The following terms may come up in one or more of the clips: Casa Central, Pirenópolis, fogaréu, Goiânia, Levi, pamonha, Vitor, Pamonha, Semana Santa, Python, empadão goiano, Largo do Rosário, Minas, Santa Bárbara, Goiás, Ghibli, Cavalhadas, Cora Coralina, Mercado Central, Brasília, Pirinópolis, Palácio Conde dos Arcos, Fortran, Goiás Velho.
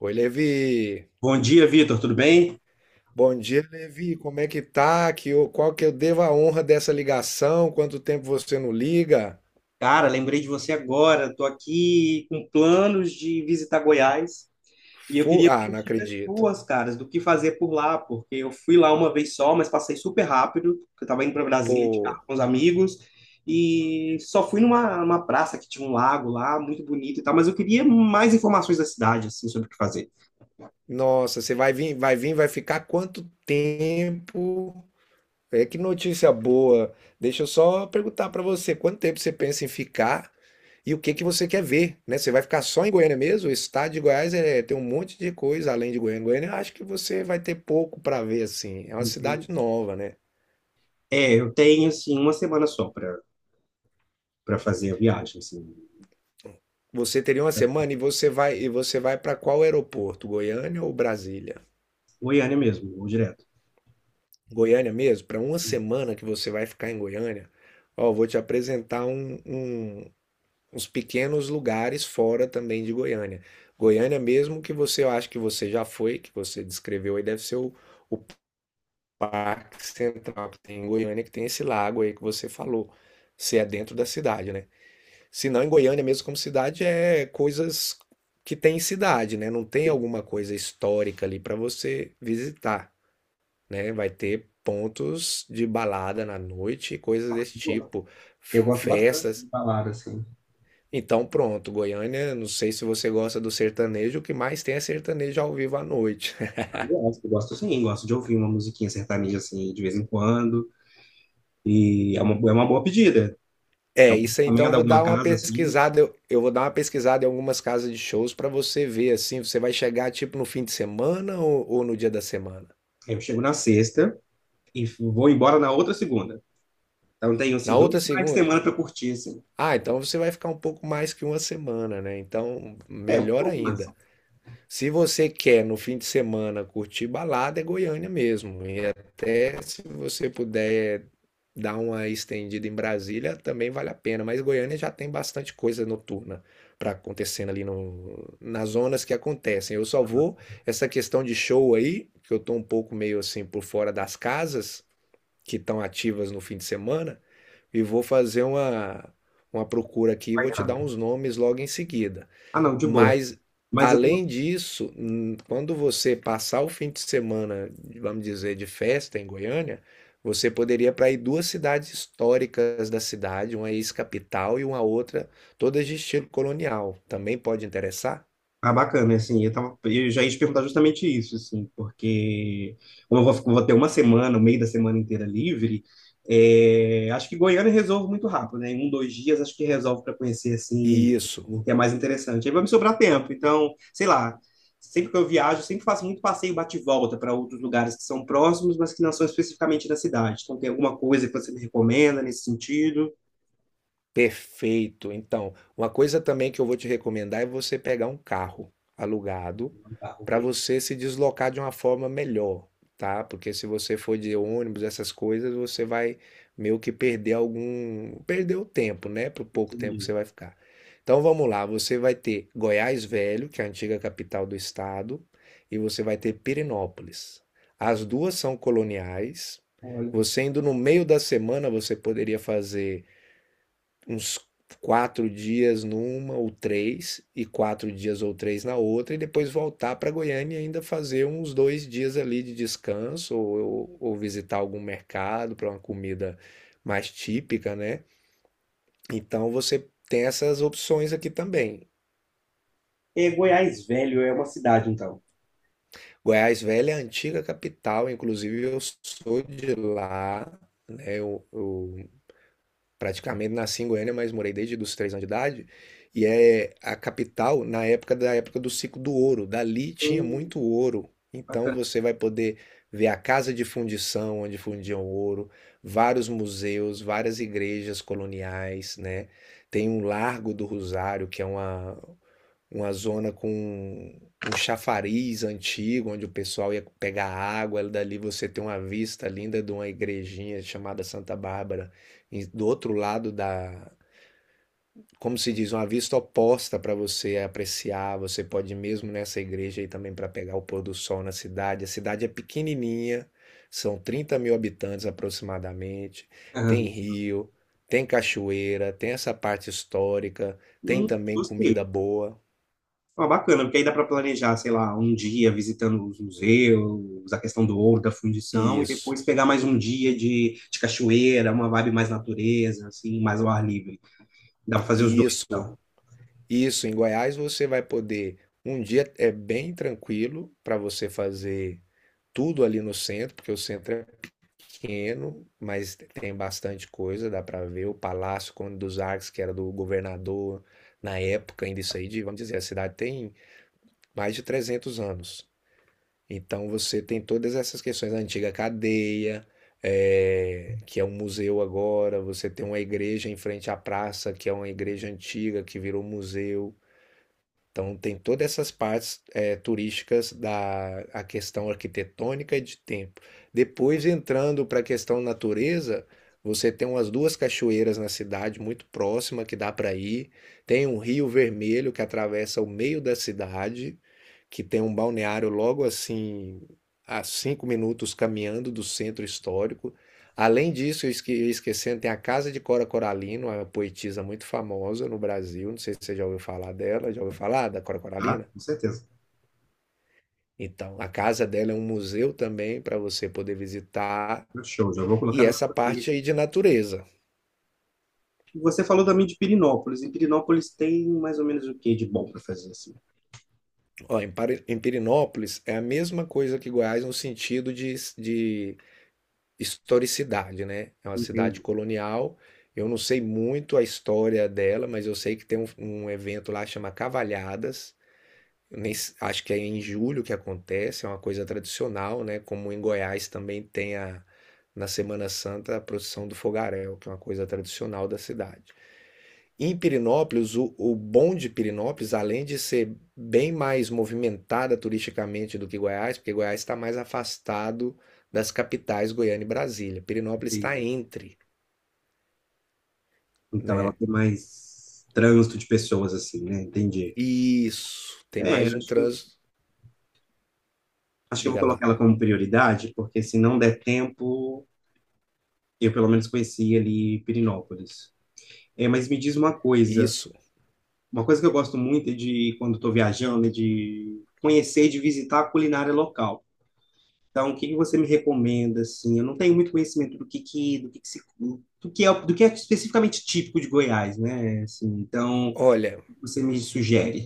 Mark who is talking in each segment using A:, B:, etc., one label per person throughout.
A: Oi, Levi.
B: Bom dia, Vitor, tudo bem?
A: Bom dia, Levi. Como é que tá? Qual que eu devo a honra dessa ligação? Quanto tempo você não liga?
B: Cara, lembrei de você agora. Estou aqui com planos de visitar Goiás e eu queria
A: Não
B: pedir
A: acredito.
B: pessoas, caras, do que fazer por lá, porque eu fui lá uma vez só, mas passei super rápido, porque eu estava indo para Brasília de carro
A: Pô,
B: com os amigos e só fui numa praça que tinha um lago lá, muito bonito e tal, mas eu queria mais informações da cidade, assim, sobre o que fazer.
A: nossa, você vai vir, vai ficar quanto tempo? É que notícia boa. Deixa eu só perguntar pra você, quanto tempo você pensa em ficar e o que que você quer ver, né? Você vai ficar só em Goiânia mesmo? O estado de Goiás é, tem um monte de coisa além de Goiânia. Goiânia, eu acho que você vai ter pouco pra ver assim. É uma
B: Entendi.
A: cidade nova, né?
B: É, eu tenho, assim, uma semana só para fazer a viagem, assim.
A: Você teria uma semana e você vai para qual aeroporto? Goiânia ou Brasília?
B: Goiânia mesmo, vou direto.
A: Goiânia mesmo? Para uma semana que você vai ficar em Goiânia, ó, vou te apresentar uns pequenos lugares fora também de Goiânia. Goiânia mesmo que você eu acho que você já foi, que você descreveu aí, deve ser o Parque Central que tem em Goiânia, que tem esse lago aí que você falou. Se é dentro da cidade, né? Se não, em Goiânia mesmo como cidade é coisas que tem em cidade, né? Não tem alguma coisa histórica ali para você visitar, né? Vai ter pontos de balada na noite, coisas
B: Ah, mas
A: desse tipo,
B: eu gosto bastante de
A: festas.
B: balada, assim.
A: Então, pronto, Goiânia, não sei se você gosta do sertanejo, o que mais tem é sertanejo ao vivo à noite.
B: Ah, eu gosto, eu gosto sim, gosto de ouvir uma musiquinha sertaneja, assim, de vez em quando. É uma boa pedida.
A: É,
B: Eu
A: isso aí, então eu
B: encomendo
A: vou
B: alguma
A: dar uma
B: casa, assim,
A: pesquisada, eu vou dar uma pesquisada em algumas casas de shows para você ver assim. Você vai chegar tipo no fim de semana ou no dia da semana?
B: eu chego na sexta e vou embora na outra segunda. Então tenho,
A: Na
B: assim,
A: outra
B: dois finais de
A: segunda?
B: semana para curtir, assim.
A: Ah, então você vai ficar um pouco mais que uma semana, né? Então,
B: É, um
A: melhor
B: pouco mais, assim,
A: ainda. Se você quer no fim de semana curtir balada, é Goiânia mesmo. E até se você puder dar uma estendida em Brasília, também vale a pena. Mas Goiânia já tem bastante coisa noturna para acontecendo ali no, nas zonas que acontecem. Eu só vou, essa questão de show aí, que eu tô um pouco meio assim por fora das casas que estão ativas no fim de semana e vou fazer uma procura aqui e vou te dar
B: acompanhado.
A: uns nomes logo em seguida.
B: Ah, não, de boa.
A: Mas,
B: Mas eu tô.
A: além disso, quando você passar o fim de semana, vamos dizer, de festa em Goiânia, você poderia para ir duas cidades históricas da cidade, uma ex-capital e uma outra, todas de estilo colonial. Também pode interessar?
B: Ah, bacana, assim, eu tava, eu já ia te perguntar justamente isso, assim, porque como eu vou, vou ter uma semana, o meio da semana inteira livre, é, acho que Goiânia resolve muito rápido, né? Em um, dois dias acho que resolve para conhecer, assim,
A: E isso.
B: o que é mais interessante. Aí vai me sobrar tempo, então, sei lá, sempre que eu viajo, sempre faço muito passeio bate-volta para outros lugares que são próximos, mas que não são especificamente da cidade. Então, tem alguma coisa que você me recomenda nesse sentido?
A: Perfeito. Então, uma coisa também que eu vou te recomendar é você pegar um carro alugado
B: Tá, ok,
A: para você se deslocar de uma forma melhor, tá? Porque se você for de ônibus, essas coisas, você vai meio que perder algum, perder o tempo, né? Pro pouco tempo que
B: entendi.
A: você vai ficar. Então, vamos lá, você vai ter Goiás Velho, que é a antiga capital do estado, e você vai ter Pirenópolis. As duas são coloniais.
B: Olha,
A: Você indo no meio da semana, você poderia fazer uns 4 dias numa ou três, e 4 dias ou três na outra, e depois voltar para Goiânia e ainda fazer uns 2 dias ali de descanso, ou visitar algum mercado para uma comida mais típica, né? Então você tem essas opções aqui também.
B: é, Goiás Velho é uma cidade, então.
A: Goiás Velha é a antiga capital, inclusive eu sou de lá, né? Eu praticamente nasci em Goiânia, mas morei desde os 3 anos de idade. E é a capital na época da época do ciclo do ouro. Dali tinha
B: Hum.
A: muito ouro. Então
B: Bacana.
A: você vai poder ver a casa de fundição onde fundiam ouro, vários museus, várias igrejas coloniais, né? Tem um Largo do Rosário, que é uma zona com um chafariz antigo, onde o pessoal ia pegar água. Dali você tem uma vista linda de uma igrejinha chamada Santa Bárbara, e do outro lado da, como se diz, uma vista oposta para você apreciar. Você pode ir mesmo nessa igreja aí também para pegar o pôr do sol na cidade. A cidade é pequenininha, são 30 mil habitantes aproximadamente. Tem
B: Aham.
A: rio, tem cachoeira, tem essa parte histórica, tem também comida
B: Gostei.
A: boa.
B: Ah, bacana, porque aí dá para planejar, sei lá, um dia visitando os museus, a questão do ouro, da fundição, e
A: Isso.
B: depois pegar mais um dia de cachoeira, uma vibe mais natureza, assim, mais ao ar livre. Dá para fazer os dois,
A: Isso,
B: então.
A: isso. Em Goiás você vai poder. Um dia é bem tranquilo para você fazer tudo ali no centro, porque o centro é pequeno, mas tem bastante coisa. Dá para ver o Palácio Conde dos Arcos, que era do governador na época, ainda isso aí, de, vamos dizer, a cidade tem mais de 300 anos. Então você tem todas essas questões, a antiga cadeia, que é um museu agora. Você tem uma igreja em frente à praça, que é uma igreja antiga que virou museu. Então tem todas essas partes turísticas da a questão arquitetônica e de tempo. Depois entrando para a questão natureza, você tem umas duas cachoeiras na cidade muito próxima que dá para ir. Tem um rio vermelho que atravessa o meio da cidade, que tem um balneário logo assim a 5 minutos caminhando do centro histórico. Além disso, eu ia esquecendo, tem a Casa de Cora Coralina, uma poetisa muito famosa no Brasil. Não sei se você já ouviu falar dela. Já ouviu falar da Cora
B: Tá?
A: Coralina?
B: Com certeza.
A: Então, a casa dela é um museu também para você poder visitar.
B: Show, já vou
A: E
B: colocar no meu
A: essa
B: roteiro
A: parte
B: aqui.
A: aí de natureza.
B: Você falou também de Pirinópolis, e Pirinópolis tem mais ou menos o que de bom para fazer, assim?
A: Ó, em Pirinópolis é a mesma coisa que Goiás no sentido de historicidade, né? É uma
B: Entendi,
A: cidade colonial. Eu não sei muito a história dela, mas eu sei que tem um, evento lá que chama Cavalhadas. Nem s- acho que é em julho que acontece, é uma coisa tradicional, né? Como em Goiás também tem a, na Semana Santa a procissão do fogaréu, que é uma coisa tradicional da cidade. Em Pirinópolis, o bom de Pirinópolis, além de ser bem mais movimentada turisticamente do que Goiás, porque Goiás está mais afastado das capitais Goiânia e Brasília. Pirinópolis está
B: entendi.
A: entre,
B: Então ela
A: né?
B: tem mais trânsito de pessoas, assim, né? Entendi.
A: Isso, tem
B: É,
A: mais um
B: acho que,
A: trânsito.
B: acho que eu vou
A: Diga lá.
B: colocar ela como prioridade, porque se não der tempo, eu pelo menos conheci ali Pirinópolis. É, mas me diz
A: Isso.
B: uma coisa que eu gosto muito é de quando estou viajando, é de conhecer e de visitar a culinária local. Então, o que que você me recomenda assim? Eu não tenho muito conhecimento do que se, do que é especificamente típico de Goiás, né? Assim, então,
A: Olha,
B: o que você me sugere.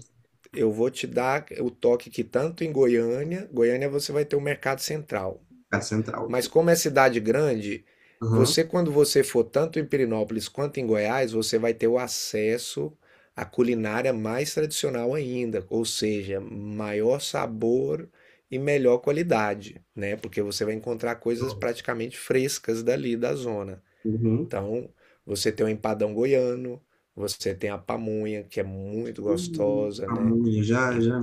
A: eu vou te dar o toque que tanto em Goiânia você vai ter o Mercado Central.
B: Casa Central
A: Mas
B: aqui.
A: como é cidade grande,
B: Aham.
A: você quando você for tanto em Pirinópolis quanto em Goiás, você vai ter o acesso à culinária mais tradicional ainda, ou seja, maior sabor e melhor qualidade, né? Porque você vai encontrar coisas praticamente frescas dali da zona.
B: Uhum.
A: Então, você tem o empadão goiano, você tem a pamonha, que é muito gostosa, né?
B: Pamonha, já,
A: E-
B: já.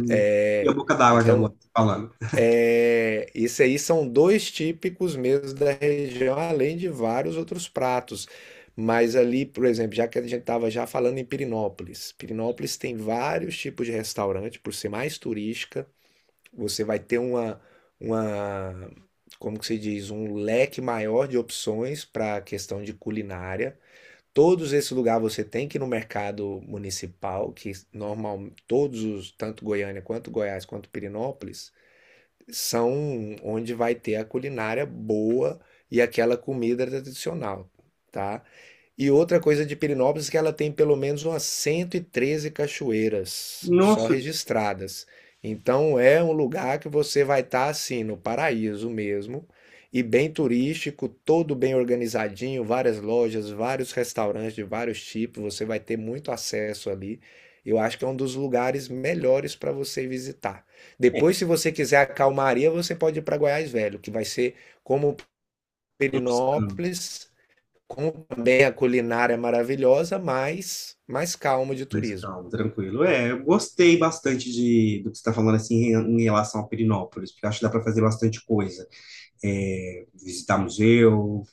B: E a
A: É,
B: boca d'água aqui
A: então,
B: agora, falando.
A: é, isso aí são dois típicos mesmo da região, além de vários outros pratos. Mas ali, por exemplo, já que a gente estava já falando em Pirinópolis, Pirinópolis tem vários tipos de restaurante, por ser mais turística, você vai ter uma, como que se diz, um leque maior de opções para a questão de culinária. Todos esse lugar você tem que ir no mercado municipal, que normal, tanto Goiânia quanto Goiás quanto Pirinópolis, são onde vai ter a culinária boa e aquela comida tradicional, tá? E outra coisa de Pirinópolis é que ela tem pelo menos umas 113 cachoeiras só
B: Nossa, Deus.
A: registradas. Então é um lugar que você vai estar assim no paraíso mesmo e bem turístico, todo bem organizadinho, várias lojas, vários restaurantes de vários tipos, você vai ter muito acesso ali. Eu acho que é um dos lugares melhores para você visitar.
B: É,
A: Depois, se você quiser a calmaria, você pode ir para Goiás Velho, que vai ser como
B: um descanso,
A: Pirinópolis, com também a culinária é maravilhosa, mas mais calma de
B: mais
A: turismo.
B: calmo, tranquilo. É, eu gostei bastante do que você está falando, assim, em, em relação a Perinópolis, porque eu acho que dá para fazer bastante coisa. É, visitar museu,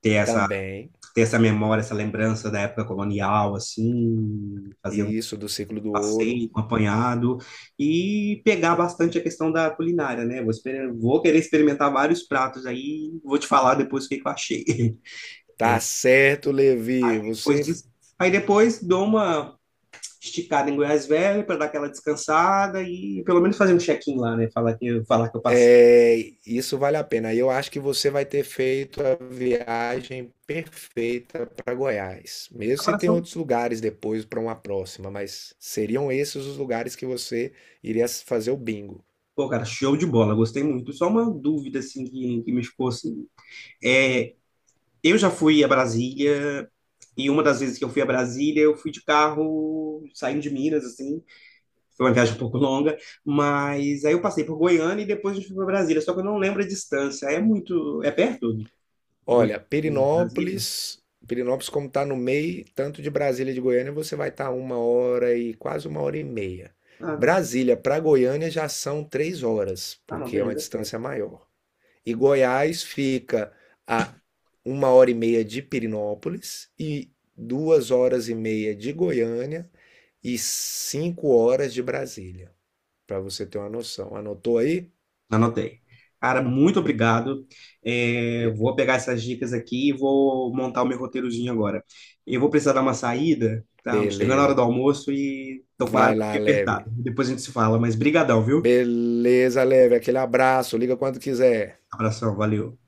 B: ter essa,
A: Também,
B: ter essa memória, essa lembrança da época colonial, assim, fazer
A: e isso do ciclo do ouro.
B: passeio, um apanhado e pegar bastante a questão da culinária, né? Vou querer experimentar vários pratos aí, vou te falar depois o que que eu achei.
A: Tá certo, Levi,
B: Depois disso. Aí depois dou uma esticada em Goiás Velho para dar aquela descansada e pelo menos fazer um check-in lá, né? Falar que eu passei.
A: é, isso vale a pena. Eu acho que você vai ter feito a viagem perfeita para Goiás. Mesmo se
B: Agora
A: tem
B: só.
A: outros lugares depois para uma próxima, mas seriam esses os lugares que você iria fazer o bingo.
B: Pô, cara, show de bola, gostei muito. Só uma dúvida assim que me ficou assim. É, eu já fui a Brasília e uma das vezes que eu fui a Brasília, eu fui de carro saindo de Minas, assim, foi uma viagem um pouco longa, mas aí eu passei por Goiânia e depois a gente foi para Brasília, só que eu não lembro a distância. É muito. É perto de Goiânia
A: Olha,
B: de Brasília?
A: Perinópolis como está no meio, tanto de Brasília e de Goiânia, você vai estar uma hora e quase uma hora e meia.
B: Ah, não.
A: Brasília para Goiânia já são 3 horas,
B: Ah, não,
A: porque é uma
B: beleza, é
A: distância
B: perto.
A: maior. E Goiás fica a uma hora e meia de Perinópolis e 2 horas e meia de Goiânia e 5 horas de Brasília, para você ter uma noção. Anotou aí?
B: Anotei. Cara, muito obrigado. É, vou pegar essas dicas aqui e vou montar o meu roteirozinho agora. Eu vou precisar dar uma saída, tá? Chegando a hora
A: Beleza.
B: do almoço e tô com o
A: Vai
B: horário aqui
A: lá, leve.
B: apertado. Depois a gente se fala, mas brigadão, viu?
A: Beleza, Leve. Aquele abraço. Liga quando quiser.
B: Abração, valeu.